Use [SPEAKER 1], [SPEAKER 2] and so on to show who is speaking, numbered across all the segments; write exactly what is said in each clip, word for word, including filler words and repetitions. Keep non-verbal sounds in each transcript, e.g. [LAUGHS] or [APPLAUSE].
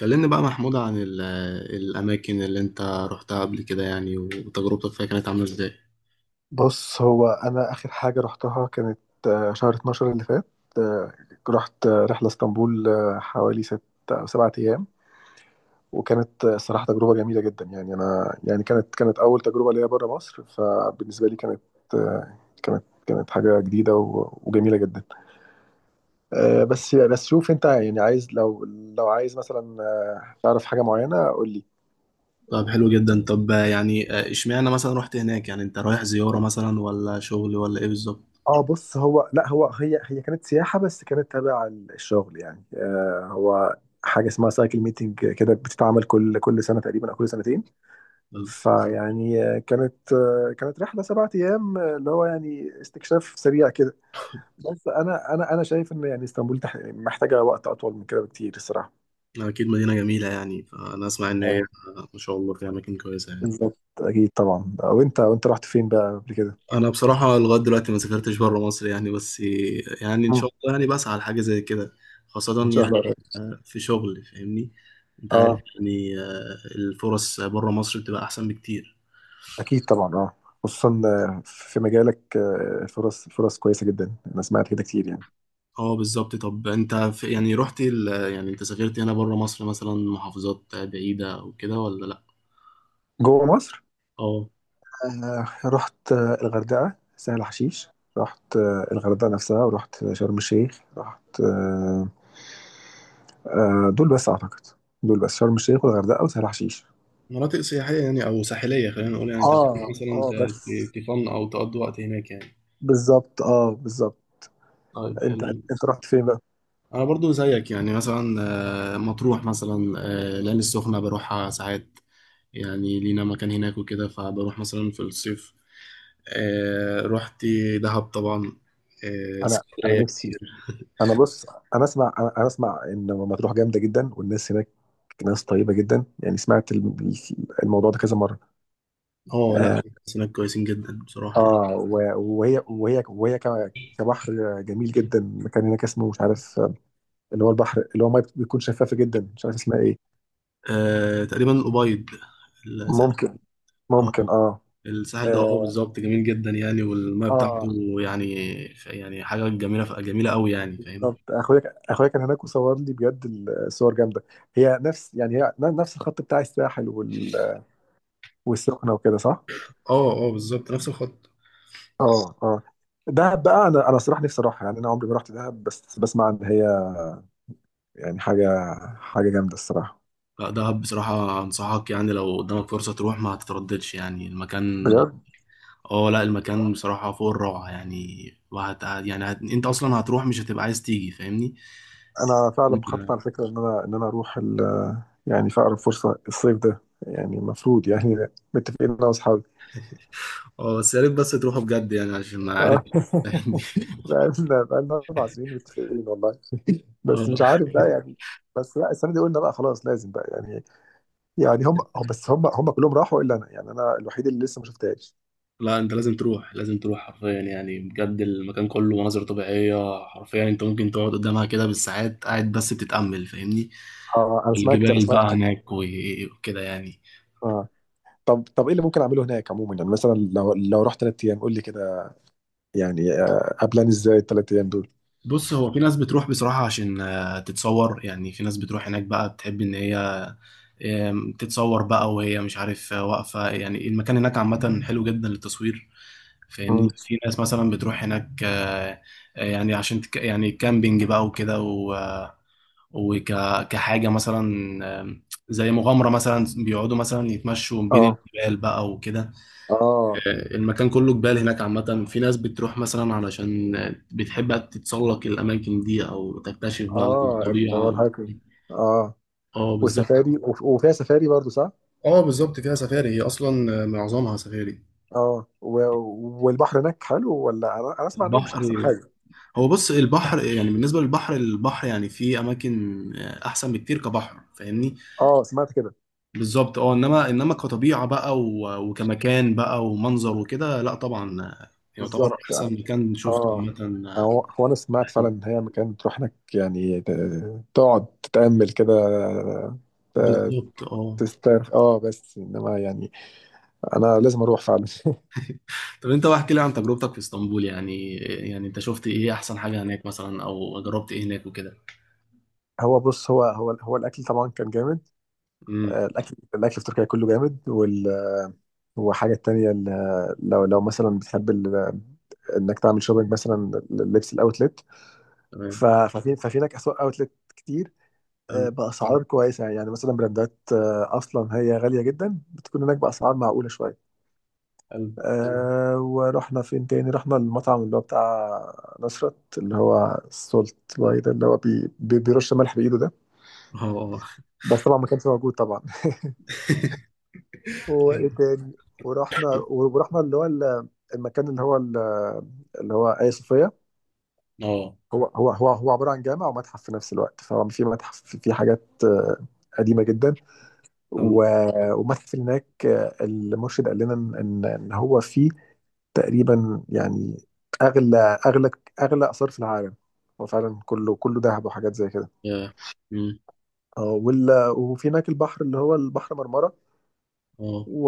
[SPEAKER 1] كلمني بقى محمود عن ال- الأماكن اللي أنت رحتها قبل كده، يعني وتجربتك فيها كانت عاملة إزاي؟
[SPEAKER 2] بص، هو انا اخر حاجه رحتها كانت آه، شهر اثنا عشر اللي فات. آه، رحت آه، رحله اسطنبول، آه، حوالي ست او سبعة ايام. وكانت آه، الصراحه تجربه جميله جدا، يعني انا يعني كانت كانت اول تجربه ليا بره مصر، فبالنسبه لي كانت آه، كانت كانت حاجه جديده و- وجميله جدا. آه، بس بس شوف انت يعني عايز، لو لو عايز مثلا آه، تعرف حاجه معينه قول لي.
[SPEAKER 1] طب حلو جدا. طب يعني آه، إشمعنى مثلا رحت هناك؟ يعني أنت رايح زيارة مثلا ولا شغل ولا إيه بالظبط؟
[SPEAKER 2] اه بص، هو لا، هو هي هي كانت سياحة بس كانت تابع الشغل، يعني آه هو حاجة اسمها سايكل ميتنج كده، بتتعمل كل كل سنة تقريبا، أو كل سنتين.
[SPEAKER 1] آه،
[SPEAKER 2] فيعني آه، كانت آه كانت رحلة سبعة أيام، آه، اللي هو يعني استكشاف سريع كده. بس أنا أنا أنا شايف إن يعني اسطنبول تح- محتاجة وقت أطول من كده بكتير الصراحة.
[SPEAKER 1] أكيد مدينة جميلة، يعني فأنا أسمع إن هي
[SPEAKER 2] اه
[SPEAKER 1] آه، ما شاء الله فيها أماكن كويسة يعني.
[SPEAKER 2] بالظبط أكيد طبعا. آه، وأنت وأنت رحت فين بقى قبل كده؟
[SPEAKER 1] أنا بصراحة لغاية دلوقتي ما سافرتش بره مصر يعني، بس يعني إن
[SPEAKER 2] مم.
[SPEAKER 1] شاء الله يعني بسعى لحاجة زي كده،
[SPEAKER 2] إن
[SPEAKER 1] خاصة
[SPEAKER 2] شاء
[SPEAKER 1] يعني
[SPEAKER 2] الله قريب.
[SPEAKER 1] آه، في شغل، فاهمني؟ أنت عارف،
[SPEAKER 2] اه
[SPEAKER 1] يعني آه، الفرص بره مصر بتبقى أحسن بكتير.
[SPEAKER 2] اكيد طبعا، اه، خصوصا آه، في مجالك آه، فرص فرص كويسه جدا، انا سمعت كده كتير يعني.
[SPEAKER 1] اه بالظبط. طب انت في يعني رحت ال... يعني انت سافرت هنا بره مصر مثلا محافظات بعيدة او كده ولا لا؟
[SPEAKER 2] جوه مصر.
[SPEAKER 1] اه،
[SPEAKER 2] آه، رحت آه، الغردقه، سهل حشيش. رحت آه، الغردقه نفسها، ورحت شرم الشيخ، رحت آه، آه، دول بس اعتقد. دول بس شرم الشيخ والغردقه وسهل حشيش.
[SPEAKER 1] مناطق سياحية يعني، أو ساحلية خلينا نقول. يعني أنت بتروح
[SPEAKER 2] اه
[SPEAKER 1] مثلا
[SPEAKER 2] اه، بس.
[SPEAKER 1] ت- ت- تفن أو تقضي وقت هناك يعني.
[SPEAKER 2] بالظبط، اه، بالظبط.
[SPEAKER 1] طيب
[SPEAKER 2] انت
[SPEAKER 1] حلو.
[SPEAKER 2] انت رحت فين بقى؟
[SPEAKER 1] انا برضو زيك، يعني مثلا آه، مطروح، مثلا آه، العين السخنة، بروحها ساعات، يعني لينا مكان هناك وكده، فبروح مثلا في الصيف. آه، رحت دهب طبعا، آه،
[SPEAKER 2] انا انا
[SPEAKER 1] اسكندرية
[SPEAKER 2] نفسي.
[SPEAKER 1] كتير. [LAUGHS]
[SPEAKER 2] انا بص، انا اسمع انا أنا اسمع ان مطروح جامده جدا، والناس هناك ناس طيبه جدا، يعني سمعت الم- الموضوع ده كذا مره.
[SPEAKER 1] اه لا،
[SPEAKER 2] اه.
[SPEAKER 1] بس هناك كويسين جدا بصراحة يعني.
[SPEAKER 2] آه، و- وهي وهي وهي ك- كبحر جميل جدا. مكان هناك اسمه مش عارف آه، اللي هو البحر، اللي هو ميه بتكون شفافه جدا، مش عارف اسمها ايه.
[SPEAKER 1] آه، تقريبا الأبيض، الساحل.
[SPEAKER 2] ممكن ممكن،
[SPEAKER 1] اه،
[SPEAKER 2] اه
[SPEAKER 1] الساحل ده، اه
[SPEAKER 2] اه.
[SPEAKER 1] بالظبط، جميل جدا يعني، والميه
[SPEAKER 2] آه،
[SPEAKER 1] بتاعته يعني يعني حاجة جميلة جميلة قوي يعني، فاهم.
[SPEAKER 2] بالظبط. اخويا اخويا كان هناك وصور لي، بجد الصور جامده. هي نفس، يعني هي نفس الخط بتاع الساحل وال- والسخنه وكده، صح؟
[SPEAKER 1] اه اه، بالظبط نفس الخط.
[SPEAKER 2] اه اه. دهب بقى، انا انا صراحه نفسي اروحها يعني، انا عمري ما رحت دهب، بس بسمع ان هي يعني حاجه حاجه جامده الصراحه.
[SPEAKER 1] لا، دهب بصراحة أنصحك، يعني لو قدامك فرصة تروح ما هتترددش يعني المكان.
[SPEAKER 2] بجد،
[SPEAKER 1] اه لا، المكان بصراحة فوق الروعة يعني. وهت يعني هت... انت اصلا هتروح، مش هتبقى عايز تيجي، فاهمني.
[SPEAKER 2] انا فعلا بخطط على فكره ان انا ان انا اروح ال يعني في اقرب فرصه، الصيف ده يعني، المفروض يعني، متفقين انا واصحابي.
[SPEAKER 1] اه، بس يا ريت بس تروحوا بجد، يعني عشان ما عارف.
[SPEAKER 2] آه.
[SPEAKER 1] [LAUGHS] دي.
[SPEAKER 2] [LAUGHS] بقالنا بقالنا اربع سنين متفقين والله. [LAUGHS] بس
[SPEAKER 1] اه
[SPEAKER 2] مش عارف بقى يعني. بس لا، السنه دي قلنا بقى خلاص لازم بقى يعني. يعني هم هم- بس هم هم كلهم راحوا الا انا، يعني انا الوحيد اللي لسه ما شفتهاش.
[SPEAKER 1] لا، انت لازم تروح، لازم تروح حرفيا يعني بجد. المكان كله مناظر طبيعية حرفيا، انت ممكن تقعد قدامها كده بالساعات، قاعد بس بتتأمل، فاهمني.
[SPEAKER 2] اه، انا سمعت انا
[SPEAKER 1] الجبال
[SPEAKER 2] سمعت
[SPEAKER 1] بقى هناك و- وكده يعني.
[SPEAKER 2] حاجه. طب طب ايه اللي ممكن اعمله هناك عموما؟ يعني مثلا لو لو رحت ثلاث ايام قول لي كده، يعني آه، ابلان ازاي الثلاث ايام دول؟
[SPEAKER 1] بص، هو في ناس بتروح بصراحة عشان آه، تتصور، يعني في ناس بتروح هناك بقى بتحب ان هي آم، تتصور بقى، وهي مش عارف آه، واقفة يعني. المكان هناك عامة حلو جدا للتصوير،
[SPEAKER 2] مم.
[SPEAKER 1] فاهمني. في ناس مثلا بتروح هناك آه، آه، يعني عشان تك- يعني كامبينج بقى وكده، وك كحاجة مثلا آم، زي مغامرة، مثلا بيقعدوا مثلا يتمشوا بين
[SPEAKER 2] اه
[SPEAKER 1] الجبال بقى وكده.
[SPEAKER 2] اه
[SPEAKER 1] آه، المكان كله جبال هناك عامة. في ناس بتروح مثلا علشان آه، بتحب تتسلق الأماكن دي، أو تكتشف بقى
[SPEAKER 2] اه اللي هو
[SPEAKER 1] الطبيعة.
[SPEAKER 2] الهايكنج. اه.
[SPEAKER 1] اه بالظبط.
[SPEAKER 2] وسفاري وف- وفيها سفاري برضو، صح؟
[SPEAKER 1] اه بالظبط، فيها سفاري. هي أصلا آه، معظمها سفاري.
[SPEAKER 2] اه. و... والبحر هناك حلو، ولا انا أنا اسمع ان هو مش احسن
[SPEAKER 1] البحر،
[SPEAKER 2] حاجه؟
[SPEAKER 1] هو بص البحر. يعني بالنسبة للبحر، البحر يعني في أماكن آه، أحسن بكتير كبحر، فاهمني.
[SPEAKER 2] اه، سمعت كده.
[SPEAKER 1] بالظبط اه. انما انما كطبيعه بقى، و- وكمكان بقى ومنظر وكده، لا طبعا آه، يعتبر
[SPEAKER 2] بالظبط، اه.
[SPEAKER 1] احسن مكان شفته
[SPEAKER 2] آه،
[SPEAKER 1] عامه. آه،
[SPEAKER 2] هو هو انا سمعت فعلا ان هي مكان تروح هناك يعني ت- تقعد تتامل كده، ت-
[SPEAKER 1] بالظبط اه.
[SPEAKER 2] تسترخي، اه، بس انما يعني انا لازم اروح فعلا. [LAUGHS]
[SPEAKER 1] طب انت بقى احكي لي عن تجربتك في اسطنبول. يعني يعني انت شفت ايه احسن حاجه هناك مثلا، او جربت ايه هناك وكده.
[SPEAKER 2] هو بص، هو هو هو الاكل طبعا كان جامد.
[SPEAKER 1] امم.
[SPEAKER 2] آه، الاكل الاكل في تركيا كله جامد، وال آه، والحاجه التانيه ال- لو لو مثلا بتحب ال- انك تعمل شوبينج مثلا، لبس الاوتلت.
[SPEAKER 1] تمام.
[SPEAKER 2] ف- ففي ففي لك اسواق اوتلت كتير،
[SPEAKER 1] حلو
[SPEAKER 2] آه، باسعار كويسه، يعني مثلا براندات آه، اصلا هي غاليه جدا بتكون هناك باسعار معقوله شويه.
[SPEAKER 1] حلو.
[SPEAKER 2] آه، ورحنا فين تاني؟ رحنا المطعم اللي هو بتاع نصرت، اللي هو السولت باي ده، اللي هو بي بي- بيرش ملح بايده ده.
[SPEAKER 1] اه
[SPEAKER 2] بس طبعا ما كانش موجود طبعا. [LAUGHS] وايه تاني؟ ورحنا ورحنا اللي هو ال- المكان، اللي هو ال- اللي هو آية صوفيا.
[SPEAKER 1] اه اه.
[SPEAKER 2] هو هو هو هو عبارة عن جامع ومتحف في نفس الوقت. فهو في متحف في حاجات آه، قديمة جدا،
[SPEAKER 1] حلو.
[SPEAKER 2] و- ومتحف. اللي هناك آه، المرشد قال لنا ان ان إن هو فيه تقريبا يعني اغلى اغلى اغلى اثار في العالم. هو فعلا كله كله ذهب وحاجات زي كده.
[SPEAKER 1] آه. امم.
[SPEAKER 2] اه، وال- وفي هناك البحر، اللي هو البحر مرمرة،
[SPEAKER 1] اه.
[SPEAKER 2] و...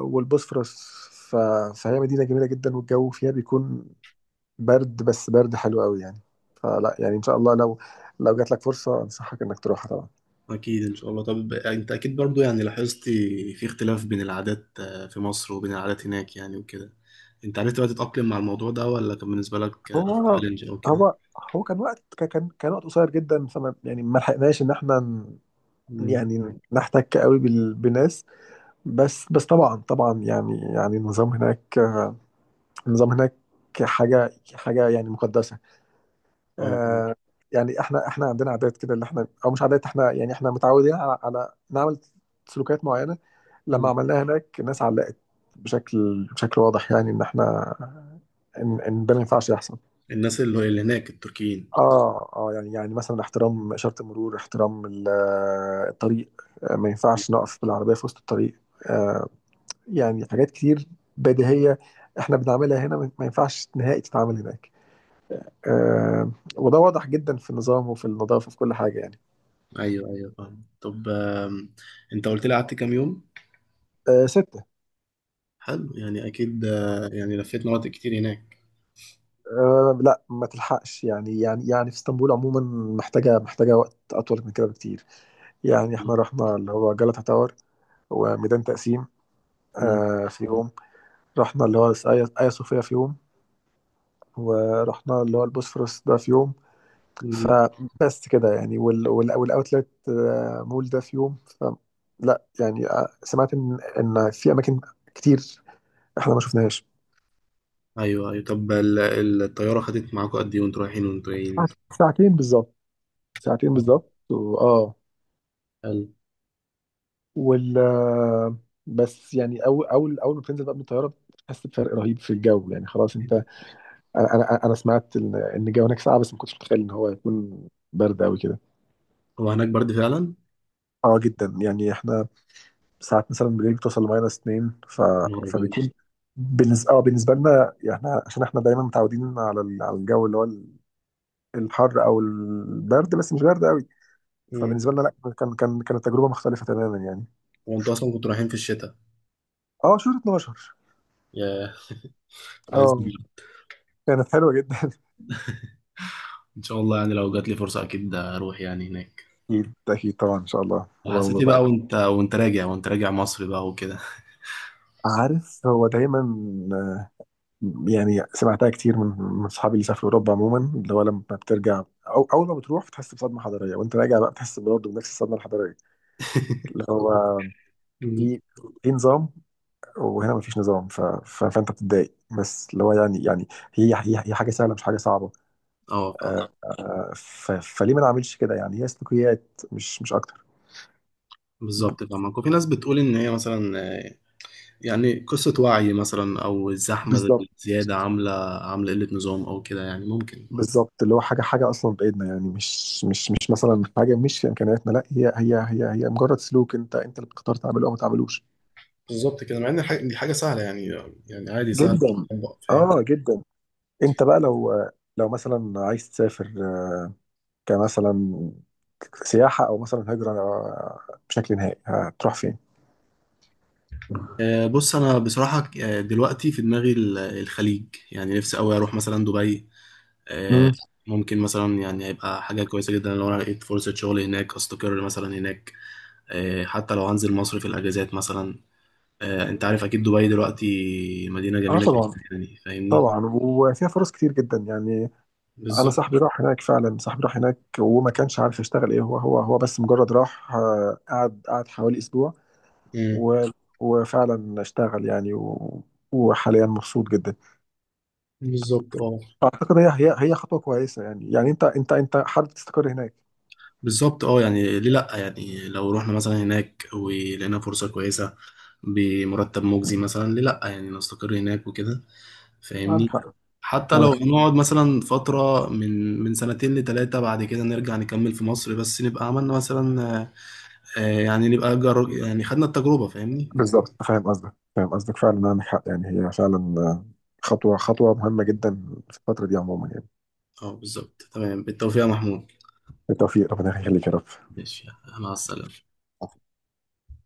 [SPEAKER 2] والبوسفورس. ف... فهي مدينة جميلة جدا، والجو فيها بيكون برد، بس برد حلو قوي يعني. فلا، يعني إن شاء الله لو لو جات لك فرصة أنصحك إنك تروحها طبعا.
[SPEAKER 1] أكيد إن شاء الله. طب أنت أكيد برضو يعني لاحظت في اختلاف بين العادات آه، في مصر وبين العادات هناك، يعني وكده. أنت عرفت بقى تتأقلم مع الموضوع ده، ولا كان بالنسبة لك
[SPEAKER 2] هو
[SPEAKER 1] تشالنج أو كده؟
[SPEAKER 2] هو هو كان وقت، كان كان كان وقت قصير جدا، فما يعني ما لحقناش إن إحنا ن-
[SPEAKER 1] أمم.
[SPEAKER 2] يعني نحتك قوي بال... بالناس. بس بس طبعا طبعا يعني يعني النظام هناك، النظام هناك حاجة حاجة يعني مقدسة.
[SPEAKER 1] أه أه.
[SPEAKER 2] آه. يعني احنا احنا عندنا عادات كده اللي احنا، او مش عادات، احنا يعني احنا متعودين على، على نعمل سلوكات معينه. لما
[SPEAKER 1] أمم.
[SPEAKER 2] عملناها هناك الناس علقت بشكل بشكل واضح، يعني ان احنا، ان ان ده ما ينفعش يحصل.
[SPEAKER 1] الناس اللي اللي هناك، التركيين.
[SPEAKER 2] اه اه. يعني يعني مثلا احترام اشاره المرور، احترام ال- آه، الطريق، آه، ما ينفعش نقف بالعربيه في وسط الطريق. آه، يعني حاجات كتير بديهيه احنا بنعملها هنا، ما ما ينفعش نهائي تتعمل هناك. آه، وده واضح جدا في النظام، وفي النظافه، وفي كل حاجه يعني.
[SPEAKER 1] أيوه أيوه، فاهم. طب آم، أنت قلت لي قعدت كام يوم؟
[SPEAKER 2] آه، ستة.
[SPEAKER 1] حلو، يعني أكيد آه، يعني لفيت مناطق كتير هناك.
[SPEAKER 2] آه لا، ما تلحقش يعني، يعني يعني في اسطنبول عموما، محتاجة محتاجة وقت أطول من كده بكتير. يعني احنا رحنا اللي هو جلطة تاور وميدان تقسيم
[SPEAKER 1] أمم.
[SPEAKER 2] آه في يوم، رحنا اللي هو آيا آيا صوفيا في يوم، ورحنا اللي هو البوسفورس ده في يوم.
[SPEAKER 1] أمم.
[SPEAKER 2] فبس كده يعني. وال وال والأوتلت آه مول ده في يوم. فلا، يعني آه، سمعت إن إن في أماكن كتير احنا ما شفناهاش.
[SPEAKER 1] أيوه أيوه. طب ال- ال- الطيارة خدت معاكم قد إيه وأنتوا رايحين وأنتوا جايين؟
[SPEAKER 2] ساعتين بالظبط، ساعتين بالظبط. وآه،
[SPEAKER 1] حلو.
[SPEAKER 2] وال بس يعني اول اول اول ما بتنزل بقى من الطياره بتحس بفرق رهيب في الجو، يعني خلاص انت. انا انا انا سمعت ان إن الجو هناك ساقع، بس ما كنتش متخيل ان هو هيكون برد قوي كده.
[SPEAKER 1] هو هناك برد فعلا؟
[SPEAKER 2] اه، جدا يعني. احنا ساعات مثلا بالليل بتوصل لماينس اتنين. ف...
[SPEAKER 1] نهار أبيض.
[SPEAKER 2] فبيكون بالنسبه اه بالنسبه لنا يعني، احنا عشان احنا دايما متعودين على ال- على الجو اللي هو ال- الحر او البرد، بس مش برد قوي.
[SPEAKER 1] مم.
[SPEAKER 2] فبالنسبه لنا لا، كان كان كانت تجربه مختلفه تماما يعني.
[SPEAKER 1] وأنتوا أصلا كنتوا رايحين في الشتاء.
[SPEAKER 2] اه، شهر اتناشر.
[SPEAKER 1] يا لازم.
[SPEAKER 2] اه، كانت حلوه جدا.
[SPEAKER 1] إن شاء الله، يعني لو جات لي فرصة أكيد أروح يعني هناك.
[SPEAKER 2] أكيد أكيد طبعا، إن شاء الله،
[SPEAKER 1] وحسيت
[SPEAKER 2] اللهم
[SPEAKER 1] إيه
[SPEAKER 2] بارك.
[SPEAKER 1] بقى، وأنت وأنت راجع وأنت راجع مصر بقى وكده؟
[SPEAKER 2] عارف، هو دايما آه، يعني سمعتها كتير من من أصحابي اللي سافروا أوروبا عموما، اللي هو لما بترجع أو أول ما بتروح بتحس بصدمة حضارية. وأنت راجع بقى بتحس برضه بنفس الصدمة الحضارية، اللي
[SPEAKER 1] [LAUGHS]
[SPEAKER 2] هو
[SPEAKER 1] مم.
[SPEAKER 2] في في نظام وهنا مفيش نظام، ف... ف... فأنت بتتضايق، بس اللي هو يعني، يعني هي هي هي حاجة سهلة، مش حاجة صعبة.
[SPEAKER 1] أه فاهم.
[SPEAKER 2] آه، ف... فليه ما نعملش كده يعني؟ هي سلوكيات مش مش أكتر. ب-
[SPEAKER 1] بالظبط فاهمك. وفي ناس بتقول إن هي مثلا آه، يعني قصة وعي مثلا، أو الزحمة
[SPEAKER 2] بالظبط
[SPEAKER 1] الزيادة عاملة عاملة قلة نظام أو كده، يعني ممكن.
[SPEAKER 2] بالظبط اللي هو حاجه حاجه اصلا بايدنا، يعني مش مش مش مثلا حاجه مش في امكانياتنا. لا، هي هي هي هي مجرد سلوك، انت انت اللي بتختار تعمله او ما تعملوش.
[SPEAKER 1] بالظبط كده. مع إن الح- دي حاجة سهلة يعني، يعني عادي سهل
[SPEAKER 2] جدا،
[SPEAKER 1] تطبق.
[SPEAKER 2] اه جدا. انت بقى لو لو مثلا عايز تسافر، كمثلا سياحه او مثلا هجره بشكل نهائي، هتروح فين؟
[SPEAKER 1] آه، بص، انا بصراحه آه، دلوقتي في دماغي ال- الخليج. يعني نفسي قوي اروح مثلا دبي. آه،
[SPEAKER 2] مم.
[SPEAKER 1] ممكن مثلا، يعني هيبقى حاجه كويسه جدا لو انا لقيت فرصه شغل هناك استقر مثلا هناك، آه، حتى لو هنزل مصر في الاجازات مثلا. آه، انت عارف اكيد دبي دلوقتي مدينه
[SPEAKER 2] اه،
[SPEAKER 1] جميله جدا
[SPEAKER 2] طبعا.
[SPEAKER 1] يعني، فاهمني.
[SPEAKER 2] طبعا، وفيها فرص كتير جدا يعني. انا
[SPEAKER 1] بالظبط.
[SPEAKER 2] صاحبي راح هناك فعلا، صاحبي راح هناك وما كانش عارف يشتغل ايه، هو هو هو بس مجرد راح آه، قعد قعد حوالي اسبوع،
[SPEAKER 1] مم.
[SPEAKER 2] و... وفعلا اشتغل يعني، و... وحاليا مبسوط جدا.
[SPEAKER 1] بالظبط اه.
[SPEAKER 2] اعتقد هي هي هي خطوه كويسه، يعني يعني انت انت انت حابب تستقر هناك.
[SPEAKER 1] بالظبط اه، يعني ليه لا؟ يعني لو رحنا مثلا هناك ولقينا فرصه كويسه بمرتب مجزي مثلا، ليه لا يعني نستقر هناك وكده،
[SPEAKER 2] عندك
[SPEAKER 1] فاهمني.
[SPEAKER 2] حق.
[SPEAKER 1] حتى لو
[SPEAKER 2] عندك حق.
[SPEAKER 1] هنقعد مثلا فترة من من سنتين لتلاتة، بعد كده نرجع نكمل في مصر، بس نبقى عملنا مثلا آه، آه، يعني نبقى جر... يعني خدنا التجربة، فاهمني.
[SPEAKER 2] بالظبط. فاهم قصدك فاهم قصدك فعلا، عندك حق يعني، هي فعلا آه، خطوه خطوه مهمه جدا في الفتره دي عموما يعني.
[SPEAKER 1] اه بالظبط تمام، بالتوفيق يا محمود.
[SPEAKER 2] بالتوفيق، ربنا يخليك يا رب.
[SPEAKER 1] ماشي، مع السلامة.